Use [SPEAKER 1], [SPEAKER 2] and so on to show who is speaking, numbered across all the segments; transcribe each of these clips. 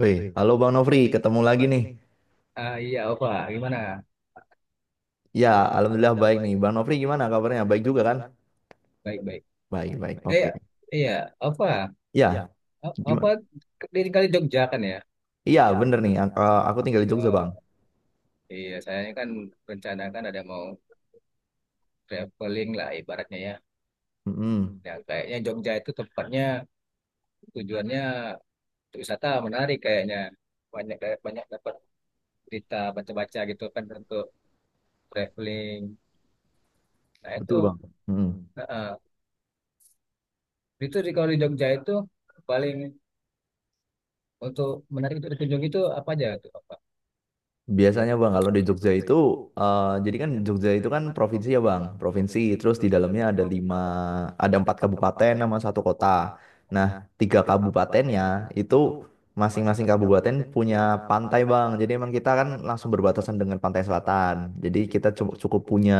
[SPEAKER 1] Woi, halo Bang Nofri, ketemu lagi nih.
[SPEAKER 2] Ah, iya, Ova, gimana?
[SPEAKER 1] Ya, alhamdulillah baik nih. Bang Nofri gimana kabarnya? Baik juga kan?
[SPEAKER 2] Baik, baik.
[SPEAKER 1] Baik, baik. Oke.
[SPEAKER 2] Eh, iya, Ova,
[SPEAKER 1] Ya,
[SPEAKER 2] Ova
[SPEAKER 1] gimana?
[SPEAKER 2] tinggal di Jogja kan ya?
[SPEAKER 1] Iya, bener nih. Aku tinggal di Jogja, Bang.
[SPEAKER 2] Eh, iya, saya ini kan rencana kan ada mau traveling lah ibaratnya ya.
[SPEAKER 1] Mm-mm.
[SPEAKER 2] Ya, kayaknya Jogja itu tempatnya, tujuannya untuk wisata menarik kayaknya. Banyak, kayak banyak dapat cerita baca-baca gitu kan untuk traveling. Nah, itu
[SPEAKER 1] Betul, Bang. Mm-mm.
[SPEAKER 2] eh, eh. itu di, kalau di Jogja itu paling, untuk menarik untuk dikunjungi itu apa aja tuh, Ova?
[SPEAKER 1] Biasanya Bang, kalau di Jogja itu, jadi kan Jogja itu kan provinsi ya Bang, provinsi. Terus di dalamnya ada lima, ada empat kabupaten sama satu kota. Nah, tiga kabupatennya itu masing-masing kabupaten punya pantai Bang. Jadi emang kita kan langsung berbatasan dengan pantai selatan. Jadi kita cukup punya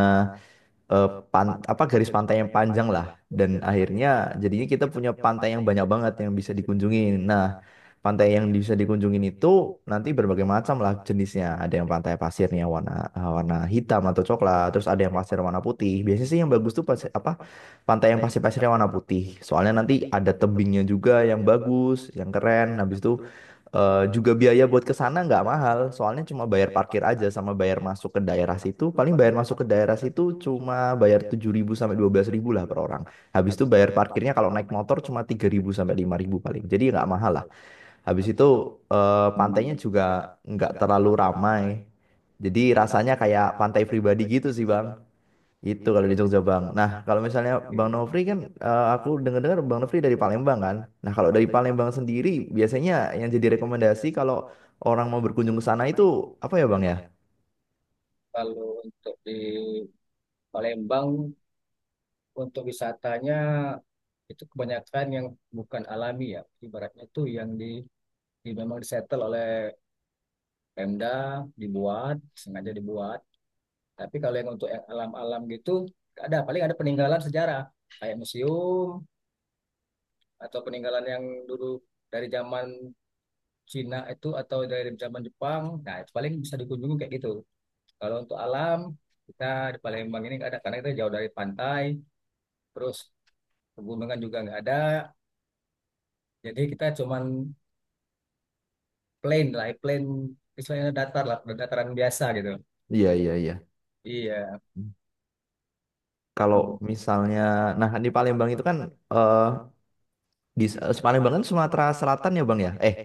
[SPEAKER 1] apa garis pantai yang panjang lah dan akhirnya jadinya kita punya pantai yang banyak banget yang bisa dikunjungin. Nah, pantai yang bisa dikunjungin itu nanti berbagai macam lah jenisnya. Ada yang pantai pasirnya warna hitam atau coklat, terus ada yang pasir warna putih. Biasanya sih yang bagus tuh apa pantai yang pasir-pasirnya warna putih. Soalnya nanti ada tebingnya juga yang bagus, yang keren. Habis itu juga biaya buat ke sana nggak mahal, soalnya cuma bayar parkir aja sama bayar masuk ke daerah situ. Paling bayar masuk ke daerah situ cuma bayar 7.000 sampai 12.000 lah per orang. Habis itu bayar parkirnya kalau naik motor cuma 3.000 sampai 5.000 paling. Jadi nggak mahal lah. Habis itu pantainya juga nggak terlalu ramai. Jadi rasanya kayak pantai pribadi gitu sih, Bang. Itu kalau di Jogja Bang. Nah, kalau misalnya Bang Nofri kan aku dengar-dengar Bang Nofri dari Palembang kan. Nah, kalau dari Palembang sendiri biasanya yang jadi rekomendasi kalau orang mau berkunjung ke sana itu apa ya Bang ya?
[SPEAKER 2] Kalau untuk di Palembang, untuk wisatanya itu kebanyakan yang bukan alami ya. Ibaratnya itu yang di memang disetel oleh Pemda, dibuat, sengaja dibuat. Tapi kalau yang untuk yang alam-alam gitu nggak ada, paling ada peninggalan sejarah kayak museum, atau peninggalan yang dulu dari zaman Cina itu atau dari zaman Jepang. Nah, itu paling bisa dikunjungi kayak gitu. Kalau untuk alam, kita di Palembang ini nggak ada, karena kita jauh dari pantai, terus pegunungan juga nggak ada. Jadi kita cuman plain lah, plain istilahnya, datar lah, dataran biasa gitu.
[SPEAKER 1] Iya, iya, iya.
[SPEAKER 2] Iya,
[SPEAKER 1] Kalau
[SPEAKER 2] mm.
[SPEAKER 1] misalnya nah di Palembang itu kan eh di Palembang kan Sumatera Selatan ya Bang ya? Eh,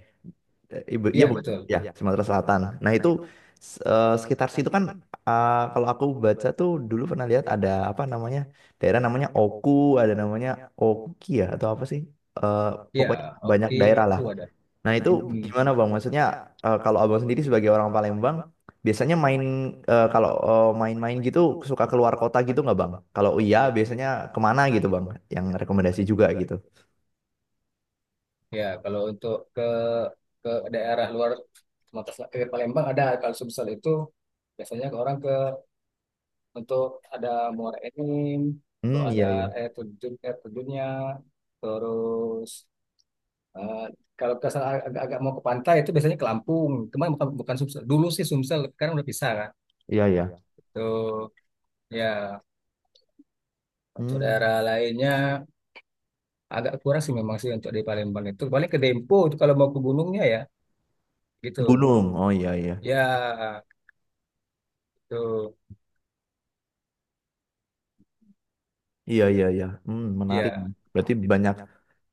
[SPEAKER 1] Eh, Ibu, iya
[SPEAKER 2] Iya
[SPEAKER 1] bukan?
[SPEAKER 2] betul.
[SPEAKER 1] Ya, Iya. Sumatera Selatan. Nah Nah itu sekitar situ kan kalau aku baca tuh dulu pernah lihat ada apa namanya daerah namanya Oku, ada namanya Oki ya atau apa sih? Eh,
[SPEAKER 2] Iya,
[SPEAKER 1] pokoknya banyak
[SPEAKER 2] oke,
[SPEAKER 1] daerah
[SPEAKER 2] aku
[SPEAKER 1] lah.
[SPEAKER 2] ada.
[SPEAKER 1] Nah itu
[SPEAKER 2] Mm-mm.
[SPEAKER 1] gimana Bang? Maksudnya kalau Abang sendiri sebagai orang Palembang biasanya kalau main-main gitu suka keluar kota gitu nggak Bang? Kalau iya biasanya kemana gitu Bang? Yang rekomendasi juga gitu.
[SPEAKER 2] Ya, kalau untuk ke daerah luar Sumatera Selatan, ke Palembang ada. Kalau Sumsel itu biasanya ke orang, ke, untuk ada Muara Enim, untuk
[SPEAKER 1] Hmm,
[SPEAKER 2] ada
[SPEAKER 1] iya iya.
[SPEAKER 2] air terjun, air terjunnya. Terus eh, kalau ke sana agak, agak mau ke pantai itu biasanya ke Lampung, cuma bukan bukan Sumsel. Dulu sih Sumsel, sekarang udah pisah kan.
[SPEAKER 1] Iya iya.
[SPEAKER 2] Tuh, ya. Untuk
[SPEAKER 1] Hmm.
[SPEAKER 2] daerah lainnya agak kurang sih, memang sih untuk di Palembang itu. Paling ke Dempo itu kalau mau ke gunungnya, ya
[SPEAKER 1] Ke
[SPEAKER 2] gitu.
[SPEAKER 1] gunung. Oh iya iya.
[SPEAKER 2] Ya gitu.
[SPEAKER 1] Iya, iya, iya. Hmm, menarik.
[SPEAKER 2] Ya,
[SPEAKER 1] Berarti banyak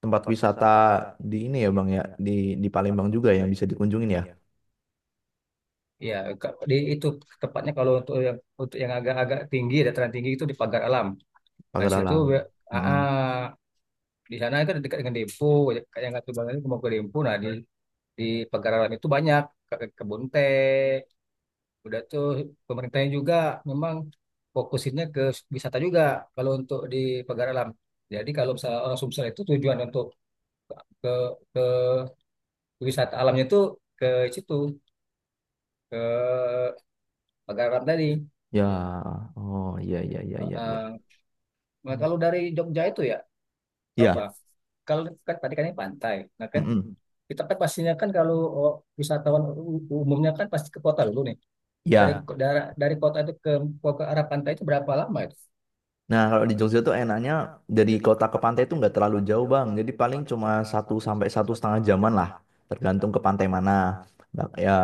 [SPEAKER 1] tempat wisata di ini ya, Bang ya, di di Palembang juga yang bisa dikunjungin ya,
[SPEAKER 2] ya. Di itu, tepatnya kalau untuk yang agak-agak tinggi, dataran tinggi itu di Pagar Alam. Nah,
[SPEAKER 1] Pagar
[SPEAKER 2] di situ ya,
[SPEAKER 1] Alam.
[SPEAKER 2] ah, ah,
[SPEAKER 1] Mm.
[SPEAKER 2] di sana itu dekat dengan Dempo. Kayak yang kata Bang itu mau ke Dempo. Nah, di di Pagar Alam itu banyak kebun teh. Udah, tuh pemerintahnya juga memang fokusinnya ke wisata juga, kalau untuk di Pagar Alam. Jadi kalau misalnya orang Sumsel itu tujuan untuk ke ke, ke wisata alamnya, itu ke situ, ke Pagar Alam tadi.
[SPEAKER 1] Ya, oh iya, iya, iya, iya, iya.
[SPEAKER 2] Heeh. Nah,
[SPEAKER 1] Hmm.
[SPEAKER 2] kalau dari Jogja itu ya, apa?
[SPEAKER 1] Iya,
[SPEAKER 2] Kalau, kan tadi kan ini pantai. Nah kan
[SPEAKER 1] mm-mm.
[SPEAKER 2] kita kan pastinya, kan kalau oh, wisatawan umumnya kan pasti ke kota dulu nih. Nah, Dari
[SPEAKER 1] Iya.
[SPEAKER 2] dari dari kota itu ke arah pantai itu berapa lama itu?
[SPEAKER 1] Nah, kalau di Jogja tuh enaknya dari kota ke pantai itu nggak terlalu jauh, Bang. Jadi paling cuma 1 sampai 1,5 jaman lah, tergantung ke pantai mana. Bak- Ya,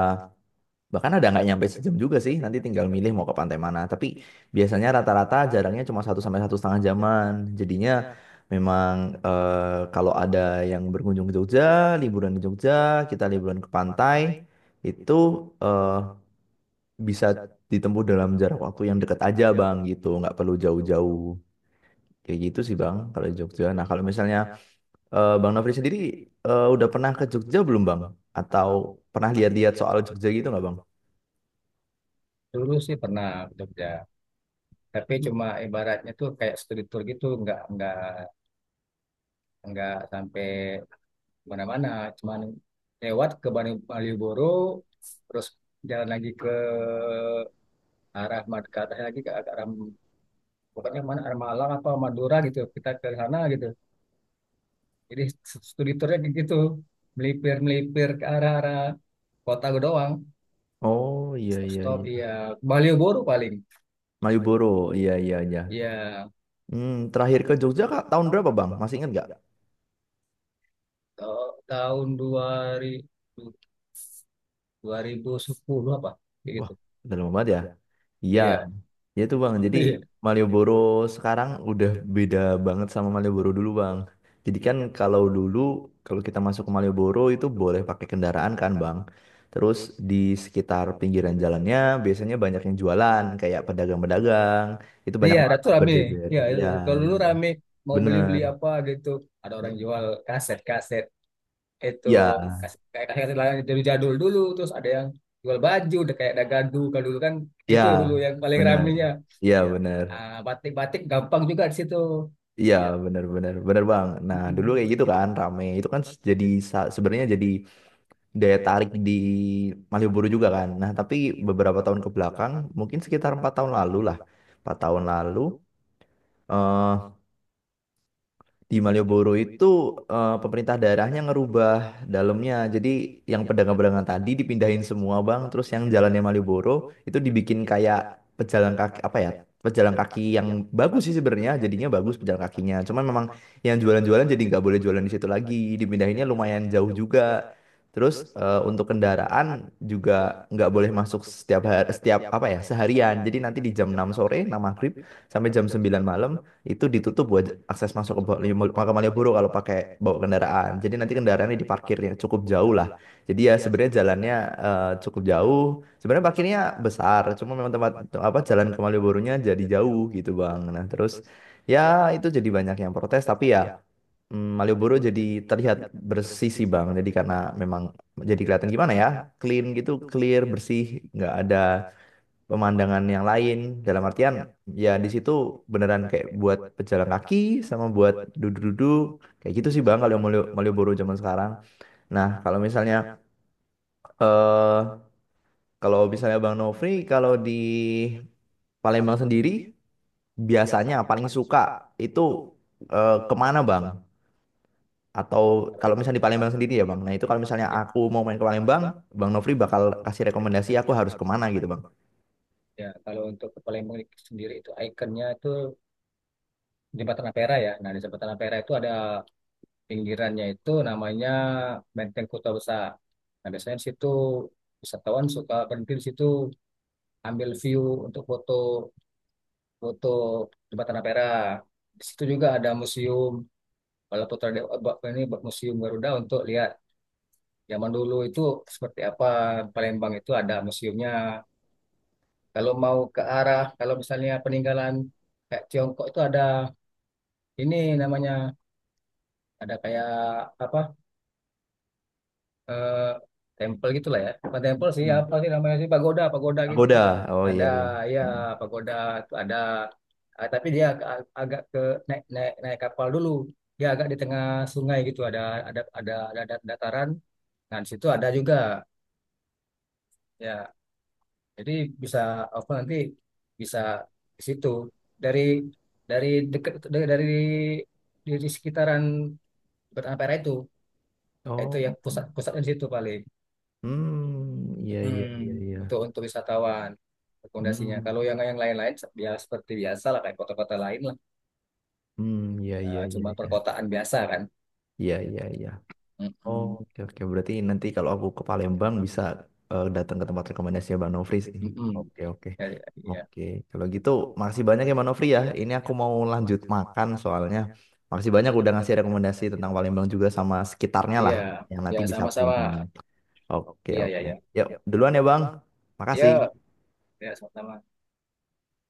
[SPEAKER 1] Bahkan ada nggak nyampe sejam juga sih, nanti tinggal milih mau ke pantai mana. Tapi biasanya rata-rata jarangnya cuma 1 sampai 1,5 jaman. Jadinya memang kalau ada yang berkunjung ke Jogja, liburan di Jogja, kita liburan ke pantai, itu eh, bisa ditempuh dalam jarak waktu yang dekat aja bang gitu, nggak perlu jauh-jauh. Kayak gitu sih bang kalau di Jogja. Nah kalau misalnya Bang Nofri sendiri udah pernah ke Jogja belum bang? Atau pernah lihat-lihat soal Jogja gitu nggak bang?
[SPEAKER 2] Dulu sih pernah ke Jogja. Tapi cuma ibaratnya tuh kayak studi tour gitu, nggak sampai mana-mana, cuman lewat ke Malioboro, terus jalan lagi ke arah Mad, ke atas lagi ke arah, pokoknya mana arah Malang apa Madura gitu, kita ke sana gitu. Jadi studi tournya kayak gitu, melipir melipir ke arah, arah kota gue doang.
[SPEAKER 1] Oh iya
[SPEAKER 2] Stop
[SPEAKER 1] iya
[SPEAKER 2] stop,
[SPEAKER 1] iya.
[SPEAKER 2] iya. Malioboro paling.
[SPEAKER 1] Malioboro, iya iya iya.
[SPEAKER 2] Iya,
[SPEAKER 1] Hmm, terakhir ke Jogja Kak tahun berapa Bang? Masih ingat nggak?
[SPEAKER 2] tahun ribu 2010 apa, kayak
[SPEAKER 1] Wah,
[SPEAKER 2] gitu.
[SPEAKER 1] udah lama banget ya. Iya,
[SPEAKER 2] Iya,
[SPEAKER 1] ya itu Bang. Jadi
[SPEAKER 2] iya.
[SPEAKER 1] Malioboro sekarang udah beda banget sama Malioboro dulu Bang. Jadi kan kalau dulu kalau kita masuk ke Malioboro itu boleh pakai kendaraan kan Bang. Terus di sekitar pinggiran jalannya biasanya banyak yang jualan kayak pedagang-pedagang. Itu
[SPEAKER 2] Nih
[SPEAKER 1] banyak
[SPEAKER 2] ya, Ratu
[SPEAKER 1] banget
[SPEAKER 2] rame.
[SPEAKER 1] berjejer.
[SPEAKER 2] Ya, itu.
[SPEAKER 1] Iya,
[SPEAKER 2] Kalau dulu
[SPEAKER 1] benar.
[SPEAKER 2] rame, mau beli-beli
[SPEAKER 1] Bener.
[SPEAKER 2] apa gitu. Ada orang jual kaset-kaset. Itu,
[SPEAKER 1] Iya,
[SPEAKER 2] kayak kaset-kaset lah dari jadul dulu. Terus ada yang jual baju, udah kayak dagadu. Kalau dulu kan,
[SPEAKER 1] Ya,
[SPEAKER 2] itu
[SPEAKER 1] kayak
[SPEAKER 2] dulu yang
[SPEAKER 1] gitu
[SPEAKER 2] paling
[SPEAKER 1] bener. Iya,
[SPEAKER 2] ramenya.
[SPEAKER 1] Iya, bener.
[SPEAKER 2] Ah, batik-batik gampang juga di situ.
[SPEAKER 1] Iya, iya, bener, bener, bener bang. Nah, dulu
[SPEAKER 2] Mm-mm.
[SPEAKER 1] kayak gitu kan, rame. Itu kan jadi sebenarnya jadi daya tarik di Malioboro juga kan. Nah, tapi beberapa tahun ke belakang, mungkin sekitar 4 tahun lalu lah, 4 tahun lalu, eh, di Malioboro itu pemerintah daerahnya ngerubah dalamnya. Jadi yang pedagang-pedagang tadi dipindahin semua bang. Terus yang jalannya Malioboro itu dibikin kayak pejalan kaki apa ya? Pejalan kaki yang bagus sih sebenarnya. Jadinya bagus pejalan kakinya. Cuman memang yang jualan-jualan jadi nggak boleh jualan di situ lagi. Dipindahinnya lumayan jauh juga. Terus untuk kendaraan juga nggak boleh masuk setiap hari, setiap apa ya seharian. Jadi nanti di jam 6 sore, 6 maghrib sampai jam 9 malam itu ditutup buat akses masuk ke Makam Malioboro kalau pakai bawa kendaraan. Jadi nanti kendaraannya diparkir yang cukup jauh lah. Jadi ya sebenarnya jalannya cukup jauh. Sebenarnya parkirnya besar, cuma memang tempat apa jalan ke Malioboronya jadi jauh gitu Bang. Nah, terus ya itu jadi banyak yang protes tapi ya Malioboro jadi terlihat bersih sih Bang. Jadi karena memang jadi kelihatan gimana ya? Clean gitu, clear, bersih, nggak ada pemandangan yang lain dalam artian ya di situ beneran kayak buat pejalan kaki sama buat duduk-duduk kayak gitu sih Bang kalau Malioboro zaman sekarang. Nah, kalau misalnya eh kalau misalnya Bang Nofri kalau di Palembang sendiri biasanya paling suka itu kemana Bang? Atau
[SPEAKER 2] Kalau di-
[SPEAKER 1] kalau misalnya di Palembang sendiri ya Bang. Nah, itu kalau misalnya
[SPEAKER 2] Ya,
[SPEAKER 1] aku mau main ke Palembang, Bang Nofri bakal kasih rekomendasi aku harus kemana gitu Bang.
[SPEAKER 2] ya, kalau untuk ke Palembang sendiri itu ikonnya itu Jembatan Ampera ya. Nah, di Jembatan Ampera itu ada pinggirannya, itu namanya Benteng Kota Besar. Nah, biasanya di situ wisatawan suka berhenti di situ, ambil view untuk foto, foto Jembatan Tanah Perah. Di situ juga ada museum Balaputra Dewa, apa ini, Museum Garuda, untuk lihat zaman dulu itu seperti apa, Palembang itu ada museumnya. Kalau mau ke arah, kalau misalnya peninggalan kayak Tiongkok itu ada, ini namanya ada kayak apa, eh tempel gitulah ya bukan tempel sih,
[SPEAKER 1] Hmm.
[SPEAKER 2] apa sih namanya sih, pagoda, pagoda
[SPEAKER 1] Aku
[SPEAKER 2] gitu
[SPEAKER 1] udah. Oh iya
[SPEAKER 2] ada.
[SPEAKER 1] iya.
[SPEAKER 2] Ya,
[SPEAKER 1] Hmm.
[SPEAKER 2] pagoda itu ada. Ah, tapi dia agak ke, naik naik naik kapal dulu, dia agak di tengah sungai gitu, ada, dataran. Nah, di situ ada juga. Ya, jadi bisa apa nanti, bisa ke situ dari dari dekat, dari di sekitaran Betapera Itu yang
[SPEAKER 1] Oh.
[SPEAKER 2] pusatnya di situ paling.
[SPEAKER 1] Hmm, iya iya iya
[SPEAKER 2] Hmm,
[SPEAKER 1] iya.
[SPEAKER 2] untuk wisatawan rekomendasinya.
[SPEAKER 1] Hmm,
[SPEAKER 2] Kalau yang lain-lain ya seperti biasa lah kayak kota-kota lain lah.
[SPEAKER 1] mmm, iya iya
[SPEAKER 2] Eh,
[SPEAKER 1] iya
[SPEAKER 2] cuma
[SPEAKER 1] iya.
[SPEAKER 2] perkotaan biasa kan.
[SPEAKER 1] Iya iya iya. Oh,
[SPEAKER 2] Mm-mm.
[SPEAKER 1] oke oke, berarti nanti kalau aku ke Palembang bisa, datang ke tempat rekomendasinya Bang Nofri sih.
[SPEAKER 2] Mm-mm.
[SPEAKER 1] Oke oke.
[SPEAKER 2] Ya, ya, ya,
[SPEAKER 1] Oke, kalau gitu makasih banyak ya Bang Nofri ya, ini aku mau lanjut makan soalnya. Makasih banyak udah ngasih rekomendasi tentang Palembang juga sama sekitarnya
[SPEAKER 2] iya.
[SPEAKER 1] lah, yang
[SPEAKER 2] Ya,
[SPEAKER 1] nanti bisa aku
[SPEAKER 2] sama-sama.
[SPEAKER 1] kunjungi. Oke
[SPEAKER 2] Iya, ya,
[SPEAKER 1] oke.
[SPEAKER 2] ya.
[SPEAKER 1] Yuk,
[SPEAKER 2] Hmm.
[SPEAKER 1] duluan ya Bang.
[SPEAKER 2] Ya,
[SPEAKER 1] Makasih.
[SPEAKER 2] ya, sama-sama.